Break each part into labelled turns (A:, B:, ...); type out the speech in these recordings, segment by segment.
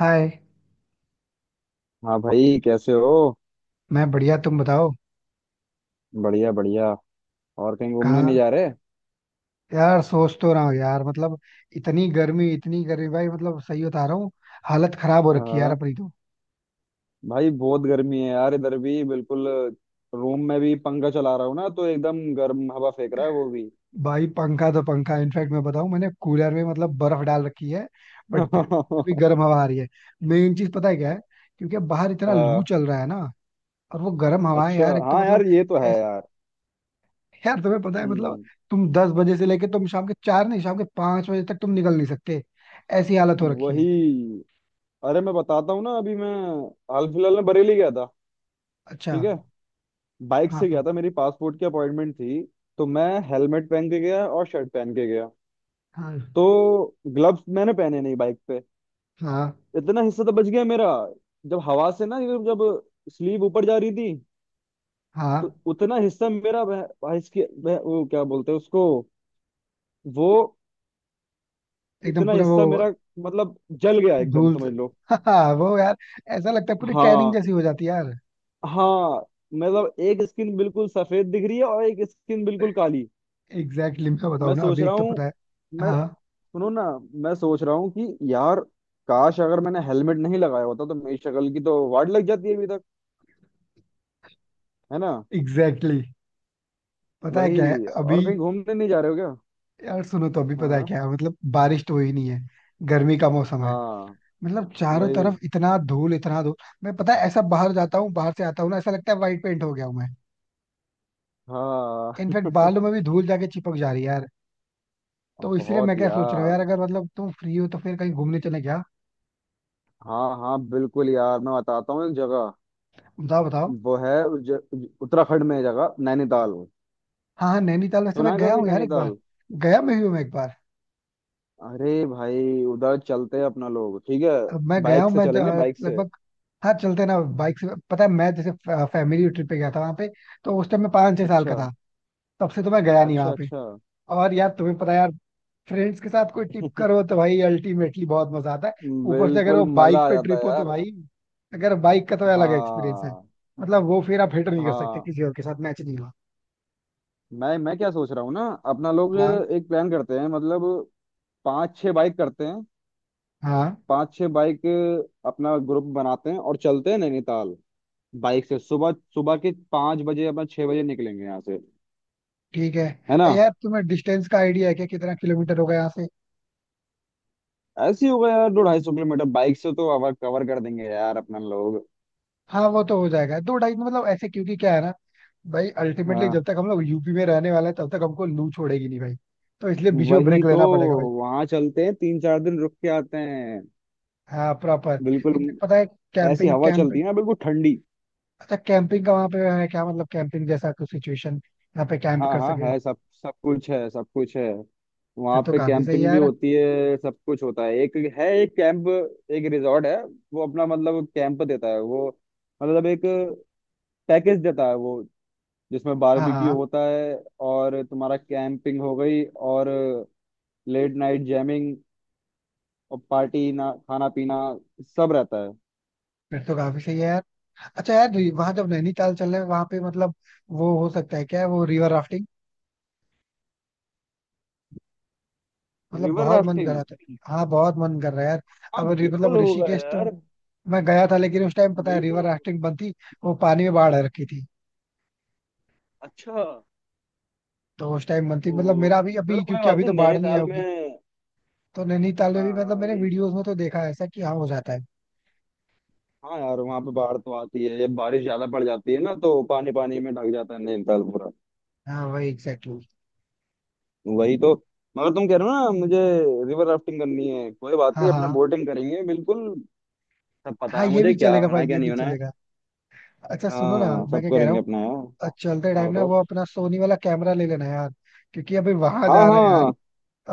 A: हाय।
B: हाँ भाई, कैसे हो?
A: मैं बढ़िया, तुम बताओ।
B: बढ़िया बढ़िया। और कहीं घूमने नहीं
A: कहाँ?
B: जा रहे?
A: यार सोच तो रहा हूँ यार, मतलब इतनी गर्मी, इतनी गर्मी भाई, मतलब सही बता रहा हूँ। हालत खराब हो रखी है यार
B: हाँ
A: अपनी तो।
B: भाई, बहुत गर्मी है यार, इधर भी बिल्कुल। रूम में भी पंखा चला रहा हूँ ना तो एकदम गर्म हवा फेंक रहा है वो भी।
A: भाई पंखा तो पंखा, इनफैक्ट मैं बताऊँ, मैंने कूलर में मतलब बर्फ डाल रखी है, बट फिर भी गर्म हवा आ रही है। मेन चीज पता है क्या है? क्योंकि अब बाहर इतना लू
B: हाँ।
A: चल रहा है ना। और वो गर्म हवाएं
B: अच्छा
A: यार, एक तो
B: हाँ यार,
A: मतलब
B: ये तो है।
A: ऐस- यार तुम्हें पता है मतलब,
B: हम्म।
A: तुम 10 बजे से लेके तुम शाम के 4 नहीं, शाम के 5 बजे तक तुम निकल नहीं सकते। ऐसी हालत हो रखी है।
B: वही। अरे मैं बताता हूँ ना, अभी मैं हाल फिलहाल में बरेली गया था।
A: अच्छा।
B: ठीक है। बाइक
A: हाँ।
B: से गया
A: हाँ।
B: था, मेरी पासपोर्ट की अपॉइंटमेंट थी। तो मैं हेलमेट पहन के गया और शर्ट पहन के गया।
A: हाँ।
B: तो ग्लव्स मैंने पहने नहीं बाइक पे।
A: हाँ।
B: इतना हिस्सा तो बच गया मेरा। जब हवा से ना, ये जब स्लीव ऊपर जा रही थी, तो
A: हाँ।
B: उतना हिस्सा मेरा वो क्या बोलते हैं उसको, वो।
A: एकदम
B: इतना
A: पूरा वो।
B: हिस्सा मेरा, मतलब जल गया एकदम
A: धूल से।
B: समझ लो।
A: हाँ, वो यार ऐसा लगता है पूरी टैनिंग
B: हाँ,
A: जैसी हो जाती है यार।
B: हाँ, मतलब एक स्किन बिल्कुल सफेद दिख रही है और एक स्किन बिल्कुल काली।
A: एग्जैक्टली exactly, मैं
B: मैं
A: बताऊँ ना
B: सोच
A: अभी,
B: रहा
A: एक तो पता
B: हूँ
A: है।
B: मैं
A: हाँ
B: सुनो ना, मैं सोच रहा हूँ कि यार काश अगर मैंने हेलमेट नहीं लगाया होता तो मेरी शक्ल की तो वाट लग जाती है अभी तक, है ना?
A: एग्जैक्टली exactly, पता है क्या है
B: वही।
A: अभी।
B: और कहीं घूमने नहीं जा रहे हो क्या?
A: यार सुनो तो, अभी
B: हाँ,
A: पता है
B: हाँ,
A: क्या है, मतलब बारिश तो हुई नहीं है, गर्मी का मौसम है।
B: हाँ,
A: मतलब चारों
B: वही।
A: तरफ इतना धूल, इतना धूल। मैं पता है ऐसा बाहर जाता हूँ, बाहर से आता हूँ ना, ऐसा लगता है वाइट पेंट हो गया हूँ मैं।
B: हाँ
A: इनफैक्ट बालों में भी धूल जाके चिपक जा रही है यार। तो इसलिए मैं
B: बहुत
A: क्या सोच रहा हूँ
B: यार।
A: यार, अगर मतलब तुम फ्री हो तो फिर कहीं घूमने चले क्या?
B: हाँ हाँ बिल्कुल यार, मैं बताता हूँ एक जगह।
A: बताओ बताओ।
B: वो है ज, उत्तराखंड में है जगह, नैनीताल।
A: हाँ हाँ, नैनीताल वैसे
B: सुना
A: मैं
B: है
A: गया
B: कभी
A: हूँ यार एक बार।
B: नैनीताल?
A: गया मैं भी हूँ मैं, एक बार।
B: अरे भाई, उधर चलते हैं अपना लोग, ठीक है?
A: अब मैं गया हूँ
B: बाइक से
A: मैं,
B: चलेंगे, बाइक से।
A: लगभग। हाँ चलते ना बाइक से, पता है मैं जैसे फैमिली ट्रिप पे गया था वहाँ पे, तो उस टाइम मैं 5-6 साल
B: अच्छा,
A: का था। तब से तो मैं गया नहीं
B: अच्छा,
A: वहाँ पे।
B: अच्छा।
A: और यार तुम्हें पता है यार, फ्रेंड्स के साथ कोई ट्रिप करो तो भाई अल्टीमेटली बहुत मजा आता है। ऊपर से अगर
B: बिल्कुल
A: वो बाइक
B: मजा आ
A: पे
B: जाता
A: ट्रिप
B: है
A: हो तो
B: यार।
A: भाई, अगर बाइक का तो अलग एक्सपीरियंस है।
B: हाँ।
A: मतलब वो फिर आप हिट नहीं कर सकते,
B: हाँ।
A: किसी और के साथ मैच नहीं हुआ।
B: मैं क्या सोच रहा हूँ ना, अपना लोग
A: हाँ
B: एक प्लान करते हैं, मतलब 5-6 बाइक करते हैं।
A: हाँ।
B: 5-6 बाइक, अपना ग्रुप बनाते हैं और चलते हैं नैनीताल, बाइक से। सुबह सुबह के 5 बजे, अपना 6 बजे निकलेंगे यहाँ से,
A: ठीक है।
B: है ना?
A: ए यार तुम्हें डिस्टेंस का आइडिया है क्या, कितना किलोमीटर होगा यहाँ से?
B: ऐसे ही होगा यार, 250 किलोमीटर बाइक से तो अवर कवर कर देंगे यार अपना लोग।
A: हाँ, वो तो हो जाएगा दो ढाई में, मतलब ऐसे, क्योंकि क्या है ना, भाई अल्टीमेटली
B: हाँ।
A: जब तक हम लोग यूपी में रहने वाले हैं, तब तक हमको लू छोड़ेगी नहीं भाई। तो इसलिए बीच में
B: वही
A: ब्रेक
B: तो।
A: लेना पड़ेगा भाई।
B: वहां चलते हैं, 3-4 दिन रुक के आते हैं।
A: हाँ प्रॉपर।
B: बिल्कुल।
A: इनफैक्ट पता है,
B: ऐसी
A: कैंपिंग
B: हवा
A: कैंप।
B: चलती है ना बिल्कुल ठंडी।
A: अच्छा कैंपिंग का वहाँ पे है क्या, मतलब कैंपिंग जैसा कुछ सिचुएशन, यहाँ पे कैंप
B: हाँ
A: कर
B: हाँ
A: सके?
B: है सब। सब कुछ है, सब कुछ है। वहाँ
A: फिर तो
B: पे
A: काफी सही है
B: कैंपिंग भी
A: यार।
B: होती है, सब कुछ होता है। एक है, एक कैंप, एक रिजॉर्ट है। वो अपना मतलब कैंप देता है वो, मतलब एक पैकेज देता है वो, जिसमें
A: हाँ
B: बारबेक्यू
A: हाँ।
B: होता है। और तुम्हारा कैंपिंग हो गई, और लेट नाइट जैमिंग, और पार्टी, ना खाना पीना, सब रहता है।
A: फिर तो काफी सही है यार। अच्छा यार, वहाँ जब नैनीताल चल रहे हैं, वहाँ पे मतलब वो हो सकता है क्या वो, रिवर राफ्टिंग? मतलब
B: रिवर
A: बहुत मन कर
B: राफ्टिंग?
A: रहा था। हाँ बहुत मन कर रहा है यार।
B: हाँ
A: अब मतलब
B: बिल्कुल होगा
A: ऋषिकेश तो
B: यार।
A: मैं गया था, लेकिन उस टाइम पता है
B: बिल्कुल
A: रिवर
B: होगा।
A: राफ्टिंग बंद थी। वो पानी में बाढ़ आ रखी थी,
B: अच्छा।
A: तो उस टाइम बंद थी।
B: ओहो।
A: मतलब मेरा अभी
B: चलो
A: अभी,
B: कोई
A: क्योंकि
B: बात
A: अभी
B: नहीं,
A: तो बाढ़ नहीं आई
B: नैनीताल में।
A: होगी। तो नैनीताल में
B: हाँ
A: भी
B: हाँ
A: मतलब मैंने
B: वही।
A: वीडियोस में तो देखा है ऐसा कि हाँ हो जाता है।
B: हाँ यार, वहां पे बाढ़ तो आती है जब बारिश ज्यादा पड़ जाती है ना, तो पानी, पानी में ढक जाता है नैनीताल पूरा।
A: हाँ वही एग्जैक्टली exactly.
B: वही तो। मगर तुम कह रहे हो ना मुझे, रिवर राफ्टिंग करनी है, कोई बात
A: हाँ
B: नहीं, अपना
A: हाँ।
B: बोटिंग करेंगे बिल्कुल। सब पता
A: हाँ
B: है
A: ये
B: मुझे
A: भी
B: क्या
A: चलेगा
B: होना
A: भाई,
B: है क्या
A: ये
B: नहीं
A: भी
B: होना है।
A: चलेगा। अच्छा सुनो ना,
B: हाँ,
A: मैं
B: सब
A: क्या कह रहा
B: करेंगे
A: हूँ,
B: अपना यार। हाँ।
A: चलते
B: हाँ,
A: टाइम ना
B: बताओ।
A: वो अपना सोनी वाला कैमरा ले लेना यार। क्योंकि अभी वहां
B: हाँ।
A: जा रहे हैं यार,
B: हाँ,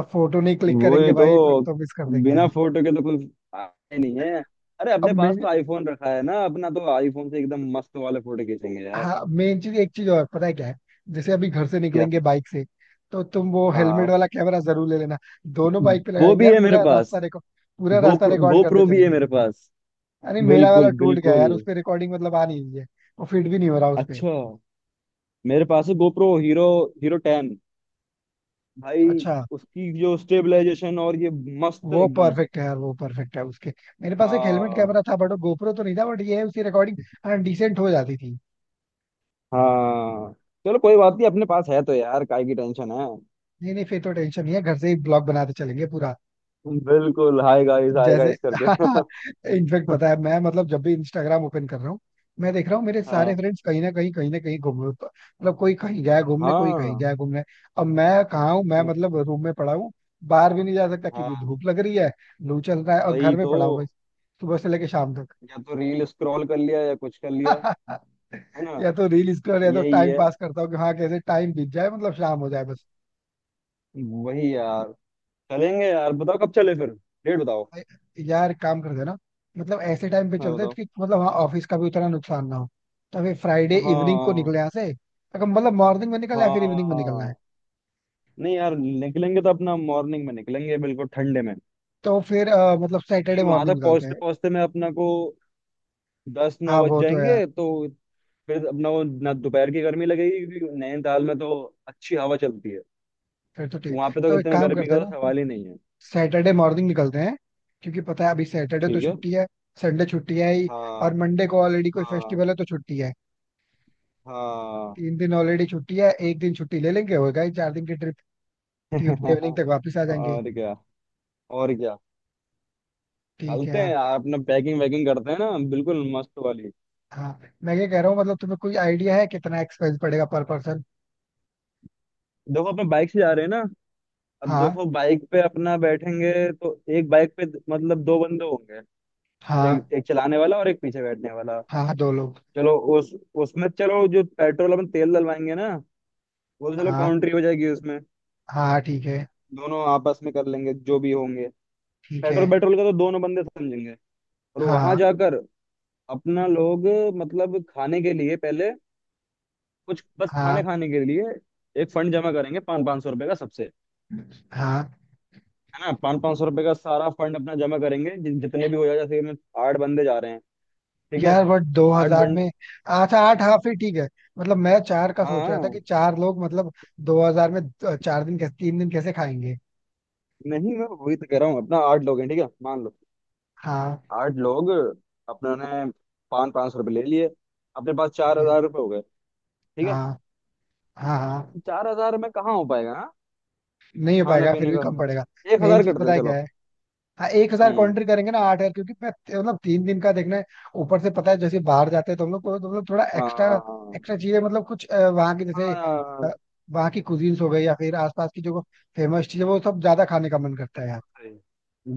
A: अब फोटो नहीं क्लिक करेंगे
B: वही
A: भाई, फिर
B: तो।
A: तो मिस कर देंगे
B: बिना
A: यार।
B: फोटो के तो कुछ आए नहीं है। अरे,
A: अब
B: अपने पास
A: मैं,
B: तो आईफोन रखा है ना अपना, तो आईफोन से एकदम मस्त वाले फोटो खींचेंगे यार।
A: हाँ मेन चीज एक चीज और पता है क्या है। जैसे अभी घर से
B: क्या?
A: निकलेंगे बाइक से, तो तुम वो हेलमेट
B: हाँ,
A: वाला कैमरा जरूर ले लेना। दोनों बाइक पे
B: वो
A: लगाएंगे
B: भी
A: यार,
B: है मेरे
A: पूरा रास्ता
B: पास।
A: रिकॉर्ड, पूरा रास्ता
B: गोप्रो,
A: रिकॉर्ड करते
B: गोप्रो भी है
A: चलेंगे।
B: मेरे पास।
A: अरे मेरा वाला
B: बिल्कुल
A: टूट गया
B: बिल्कुल।
A: यार, उस पे रिकॉर्डिंग मतलब आ नहीं रही है। वो फिट भी नहीं हो रहा उस पे।
B: अच्छा। मेरे पास है गोप्रो हीरो, Hero 10, भाई।
A: अच्छा।
B: उसकी जो स्टेबलाइजेशन और ये, मस्त
A: वो
B: एकदम।
A: परफेक्ट है यार, वो परफेक्ट है उसके। मेरे पास एक हेलमेट
B: हाँ।
A: कैमरा था, बट वो गोप्रो तो नहीं था, बट ये है उसकी रिकॉर्डिंग, हाँ डिसेंट हो जाती थी।
B: हाँ चलो कोई बात नहीं, अपने पास है तो यार काय की टेंशन है।
A: नहीं नहीं, फिर तो टेंशन नहीं है, घर से ही ब्लॉग बनाते चलेंगे पूरा।
B: बिल्कुल। हाय गाइस, हाय
A: जैसे
B: गाइस करके।
A: इनफेक्ट पता है मैं, मतलब जब भी इंस्टाग्राम ओपन कर रहा हूँ, मैं देख रहा हूँ मेरे सारे
B: हाँ।
A: फ्रेंड्स कहीं ना कहीं, कहीं ना कहीं घूम, मतलब कोई कहीं गया है घूमने, कोई कहीं गया
B: हाँ।
A: है घूमने। अब मैं कहाँ हूँ मैं, मतलब रूम में पड़ा हूँ। बाहर भी नहीं जा सकता क्योंकि
B: हाँ।
A: धूप लग रही है, लू चल रहा है, और
B: वही
A: घर में
B: तो।
A: पड़ा हूँ बस, सुबह से लेके शाम तक।
B: या तो रील स्क्रॉल कर लिया या कुछ कर लिया। है ना?
A: या तो रील स्क्रॉल, या तो
B: यही
A: टाइम
B: है।
A: पास करता हूँ कि हाँ कैसे टाइम बीत जाए, मतलब शाम हो जाए बस।
B: वही यार। चलेंगे यार, बताओ कब चले फिर। डेट बताओ।
A: यार काम करते हैं ना, मतलब ऐसे टाइम पे
B: हाँ
A: चलते हैं
B: बताओ।
A: कि मतलब हाँ ऑफिस का भी उतना नुकसान ना हो। तो फिर फ्राइडे इवनिंग को
B: हाँ।
A: निकले यहाँ से। अगर मतलब मॉर्निंग में निकलना है, फिर इवनिंग में निकलना है।
B: हाँ नहीं यार, निकलेंगे तो अपना मॉर्निंग में निकलेंगे, बिल्कुल ठंडे में।
A: तो फिर मतलब सैटरडे
B: क्योंकि वहां
A: मॉर्निंग
B: तक
A: निकलते हैं।
B: पहुंचते पहुंचते में अपना को 10-9
A: हाँ
B: बज
A: वो तो है यार।
B: जाएंगे, तो फिर अपना वो ना दोपहर की गर्मी लगेगी। क्योंकि नैनीताल में तो अच्छी हवा चलती है,
A: फिर तो ठीक है।
B: वहां पे तो
A: तो एक
B: इतनी
A: काम
B: गर्मी
A: करते
B: का
A: हैं
B: तो
A: ना,
B: सवाल ही नहीं है।
A: सैटरडे मॉर्निंग निकलते हैं। क्योंकि पता है अभी सैटरडे तो
B: ठीक है।
A: छुट्टी है, संडे छुट्टी है ही,
B: हाँ।
A: और मंडे को ऑलरेडी कोई
B: हाँ।
A: फेस्टिवल है तो छुट्टी है।
B: हाँ।
A: 3 दिन ऑलरेडी छुट्टी है, एक दिन छुट्टी ले लेंगे, होगा ही 4 दिन की ट्रिप। ट्यूजडे इवनिंग तक वापस आ जाएंगे।
B: और क्या। और क्या।
A: ठीक है
B: चलते हैं
A: यार।
B: यार, अपना पैकिंग वैकिंग करते हैं ना बिल्कुल मस्त वाली।
A: हाँ मैं ये कह रहा हूँ, मतलब तुम्हें कोई आइडिया है कितना एक्सपेंस पड़ेगा पर पर्सन?
B: देखो, अपने बाइक से जा रहे हैं ना। अब
A: हाँ
B: देखो बाइक पे अपना बैठेंगे, तो एक बाइक पे मतलब 2 बंदे होंगे।
A: हाँ।
B: एक एक चलाने वाला और एक पीछे बैठने वाला।
A: हाँ, 2 लोग।
B: चलो, उस, उसमें चलो जो पेट्रोल अपन तेल डलवाएंगे ना, वो तो चलो
A: हाँ
B: काउंट्री हो जाएगी उसमें।
A: हाँ, ठीक है।
B: दोनों आपस में कर लेंगे जो भी होंगे।
A: ठीक है।
B: पेट्रोल, पेट्रोल का तो दोनों बंदे समझेंगे। और वहां
A: हाँ
B: जाकर अपना लोग मतलब खाने के लिए पहले, कुछ बस
A: हाँ
B: खाने, खाने के लिए एक फंड जमा करेंगे, 500-500 रुपए का सबसे,
A: हाँ।
B: है ना? 500-500 रुपए का सारा फंड अपना जमा करेंगे। जितने भी हो जाए, जैसे कि मैं 8 बंदे जा रहे हैं, ठीक है?
A: यार बट दो
B: आठ
A: हजार
B: बंड।
A: में, अच्छा 8, हाँ फिर ठीक है। मतलब मैं 4 का सोच रहा था
B: हाँ
A: कि 4 लोग मतलब, 2,000 में 4 दिन कैसे, 3 दिन कैसे खाएंगे?
B: नहीं, मैं वही तो कह रहा हूँ, अपना 8 लोग हैं, ठीक है, मान लो
A: हाँ
B: 8 लोग। अपने ने 500-500 रुपये ले लिए, अपने पास
A: ठीक
B: चार
A: है।
B: हजार रुपये हो गए, ठीक है?
A: हाँ हाँ। हाँ
B: 4000 में कहाँ हो पाएगा? हाँ,
A: नहीं हो
B: खाने
A: पाएगा, फिर
B: पीने
A: भी
B: का
A: कम पड़ेगा।
B: एक
A: मेन
B: हजार
A: चीज
B: करते
A: पता
B: हैं
A: है क्या
B: चलो।
A: है। हाँ 1,000
B: हम्म।
A: काउंटर करेंगे ना, 8,000, क्योंकि मतलब 3 दिन का देखना है। ऊपर से पता है जैसे बाहर जाते हैं तो हम लोग को तो मतलब थोड़ा
B: हाँ।
A: एक्स्ट्रा,
B: हाँ।
A: एक्स्ट्रा चीजें मतलब कुछ वहाँ की जैसे,
B: हाँ
A: अ,
B: यार,
A: वहाँ की कुजीन्स हो गई, या फिर आसपास की जो फेमस चीजें, वो सब ज्यादा खाने का मन करता है यार।
B: सही,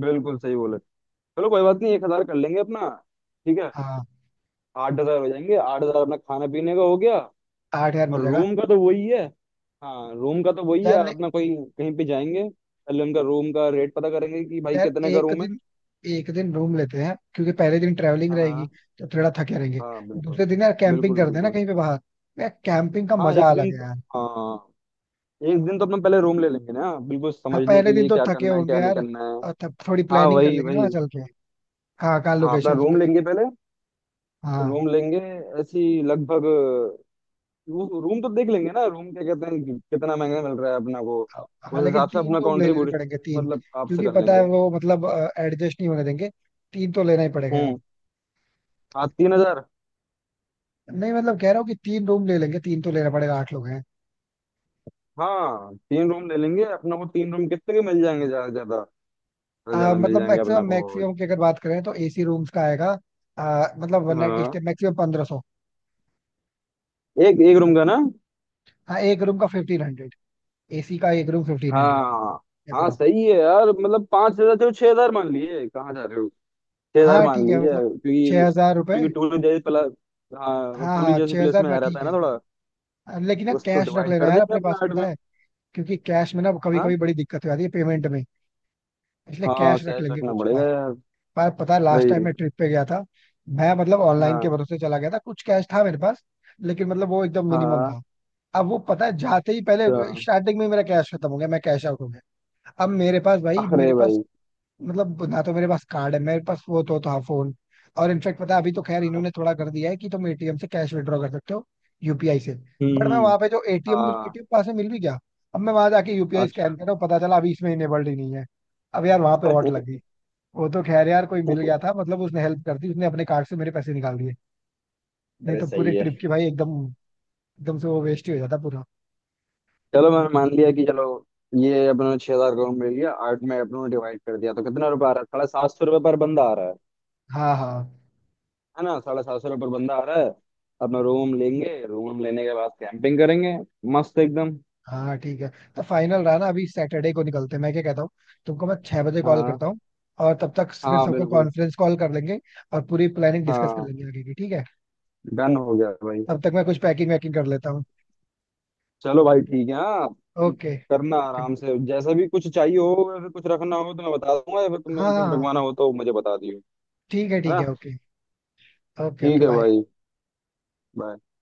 B: बिल्कुल सही बोले। चलो कोई बात नहीं, 1000 कर लेंगे अपना, ठीक है।
A: हाँ
B: 8000 हो जाएंगे। 8000 अपना खाने पीने का हो गया।
A: 8,000 में हो
B: और
A: जाएगा।
B: रूम का तो वही है। हाँ, रूम का तो वही
A: यार
B: है
A: ले,
B: अपना कोई, कहीं पे जाएंगे पहले उनका रूम का रेट पता करेंगे कि भाई
A: यार
B: कितने का
A: एक
B: रूम है।
A: दिन, एक दिन रूम लेते हैं, क्योंकि पहले दिन ट्रेवलिंग
B: हाँ।
A: रहेगी,
B: हाँ।
A: तो थोड़ा थके रहेंगे।
B: हाँ बिल्कुल
A: दूसरे दिन यार कैंपिंग
B: बिल्कुल।
A: करते हैं ना
B: बिल्कुल।
A: कहीं पे बाहर। यार कैंपिंग का
B: हाँ
A: मजा
B: एक दिन।
A: अलग है यार।
B: हाँ, एक दिन तो अपना पहले रूम ले लेंगे ना, बिल्कुल
A: हाँ
B: समझने
A: पहले
B: के
A: दिन
B: लिए
A: तो
B: क्या
A: थके
B: करना है
A: होंगे
B: क्या नहीं
A: यार,
B: करना है।
A: और तब थोड़ी
B: हाँ
A: प्लानिंग कर
B: वही
A: लेंगे ना
B: वही।
A: वहाँ चल के। हाँ कहाँ,
B: हाँ, अपना
A: लोकेशन
B: रूम
A: लोकेशन।
B: लेंगे पहले।
A: हाँ
B: रूम लेंगे। ऐसी लगभग। वो रूम तो देख लेंगे ना, रूम क्या कहते हैं कितना महंगा मिल रहा है अपना को।
A: हाँ
B: उस
A: लेकिन
B: हिसाब से
A: तीन
B: अपना
A: रूम ले लेने
B: कंट्रीब्यूशन
A: पड़ेंगे, तीन।
B: मतलब आपसे
A: क्योंकि
B: कर
A: पता है
B: लेंगे।
A: वो मतलब एडजस्ट नहीं होने देंगे, तीन तो लेना ही पड़ेगा यार।
B: हम्म। हाँ 3000।
A: नहीं मतलब कह रहा हूँ कि 3 रूम ले लेंगे, तीन तो लेना पड़ेगा, 8 लोग हैं।
B: हाँ 3 रूम ले लेंगे अपना को। 3 रूम कितने के मिल जाएंगे, ज्यादा से ज्यादा? ज्यादा ज्यादा मिल
A: मतलब
B: जाएंगे अपना
A: मैक्सिमम,
B: को।
A: मैक्सिमम की अगर बात करें तो एसी रूम्स का आएगा, मतलब वन नाइट
B: हाँ,
A: स्टे मैक्सिमम 1,500।
B: एक एक रूम का ना।
A: हाँ एक रूम का 1500, एसी का एक रूम 1500,
B: हाँ। हाँ
A: अप्रोक्स।
B: सही है यार, मतलब 5000, चलो 6000 मान लिए, कहाँ जा रहे हो। छह हजार
A: हाँ
B: मान
A: ठीक
B: लिए
A: है मतलब, छह
B: क्योंकि,
A: हजार रुपये
B: क्योंकि टूरी जैसे प्ला हाँ,
A: हाँ
B: टूरी
A: हाँ,
B: जैसी
A: छह
B: प्लेस
A: हजार
B: में
A: में
B: आ रहता
A: ठीक
B: है ना
A: है।
B: थोड़ा।
A: लेकिन ना
B: उसको
A: कैश रख
B: डिवाइड
A: लेना
B: कर
A: यार
B: देंगे
A: अपने
B: अपना
A: पास,
B: 8 में।
A: पता है, क्योंकि कैश में ना कभी
B: हाँ।
A: कभी बड़ी दिक्कत हो जाती है पेमेंट में। इसलिए
B: हाँ
A: कैश रख
B: कैश
A: लेंगे
B: रखना
A: कुछ
B: पड़ेगा
A: पास।
B: यार।
A: पर पता है लास्ट
B: भाई।
A: टाइम मैं ट्रिप पे गया था, मैं मतलब ऑनलाइन के
B: हाँ।
A: भरोसे चला गया था, कुछ कैश था मेरे पास, लेकिन मतलब वो एकदम मिनिमम
B: हाँ।
A: था। अब वो पता है जाते ही पहले,
B: अच्छा।
A: स्टार्टिंग में मेरा कैश खत्म हो गया, मैं कैश आउट हो गया। अब मेरे पास भाई,
B: अरे
A: मेरे पास
B: भाई।
A: मतलब ना तो मेरे पास कार्ड है, मेरे पास वो तो था फोन। और इनफेक्ट पता है, अभी तो खैर
B: हाँ।
A: इन्होंने थोड़ा कर दिया है कि तुम एटीएम से कैश विड्रॉ कर सकते हो, यूपीआई से।
B: हम्म,
A: बट मैं
B: हम्म।
A: वहां पे जो एटीएम, मुझे
B: हाँ।
A: एटीएम पास में मिल भी गया। अब मैं वहां जाके यूपीआई स्कैन
B: अच्छा।
A: कर रहा हूँ, पता चला अभी इसमें इनेबल्ड ही नहीं है। अब यार वहां पे वॉट लग गई। वो तो खैर यार कोई मिल गया था, मतलब उसने हेल्प कर दी, उसने अपने कार्ड से मेरे पैसे निकाल दिए। नहीं
B: अरे
A: तो पूरे
B: सही
A: ट्रिप
B: है।
A: की भाई एकदम, एकदम से वो वेस्ट ही हो जाता पूरा।
B: चलो मैंने मान लिया कि चलो, ये अपने 6000 करोड़ मिल लिया, 8 में अपनों ने डिवाइड कर दिया तो कितना रुपया आ रहा है? 750 रुपये पर बंदा आ रहा है
A: हाँ हाँ
B: है ना? 750 रुपये पर बंदा आ रहा है। अपना रूम लेंगे, रूम लेने के बाद कैंपिंग करेंगे, मस्त एकदम।
A: हाँ ठीक है। तो फाइनल रहा ना, अभी सैटरडे को निकलते हैं। मैं क्या कहता हूँ, तुमको मैं 6 बजे कॉल
B: हाँ।
A: करता हूँ, और तब तक फिर
B: हाँ
A: सबको
B: बिल्कुल।
A: कॉन्फ्रेंस कॉल कर लेंगे, और पूरी प्लानिंग डिस्कस कर
B: हाँ,
A: लेंगे आगे की, ठीक है?
B: डन हो गया भाई।
A: तब तक मैं कुछ पैकिंग वैकिंग कर लेता हूँ।
B: चलो भाई ठीक है, हाँ।
A: ओके।
B: करना
A: ओके।
B: आराम से, जैसा भी कुछ चाहिए हो या फिर कुछ रखना हो तो मैं बता दूंगा, या फिर
A: हाँ
B: तुम्हें
A: हाँ,
B: कुछ
A: हाँ।
B: रखवाना हो तो मुझे बता दियो, है
A: ठीक
B: ना?
A: है ओके। ओके
B: ठीक
A: ओके
B: है
A: बाय।
B: भाई। bye।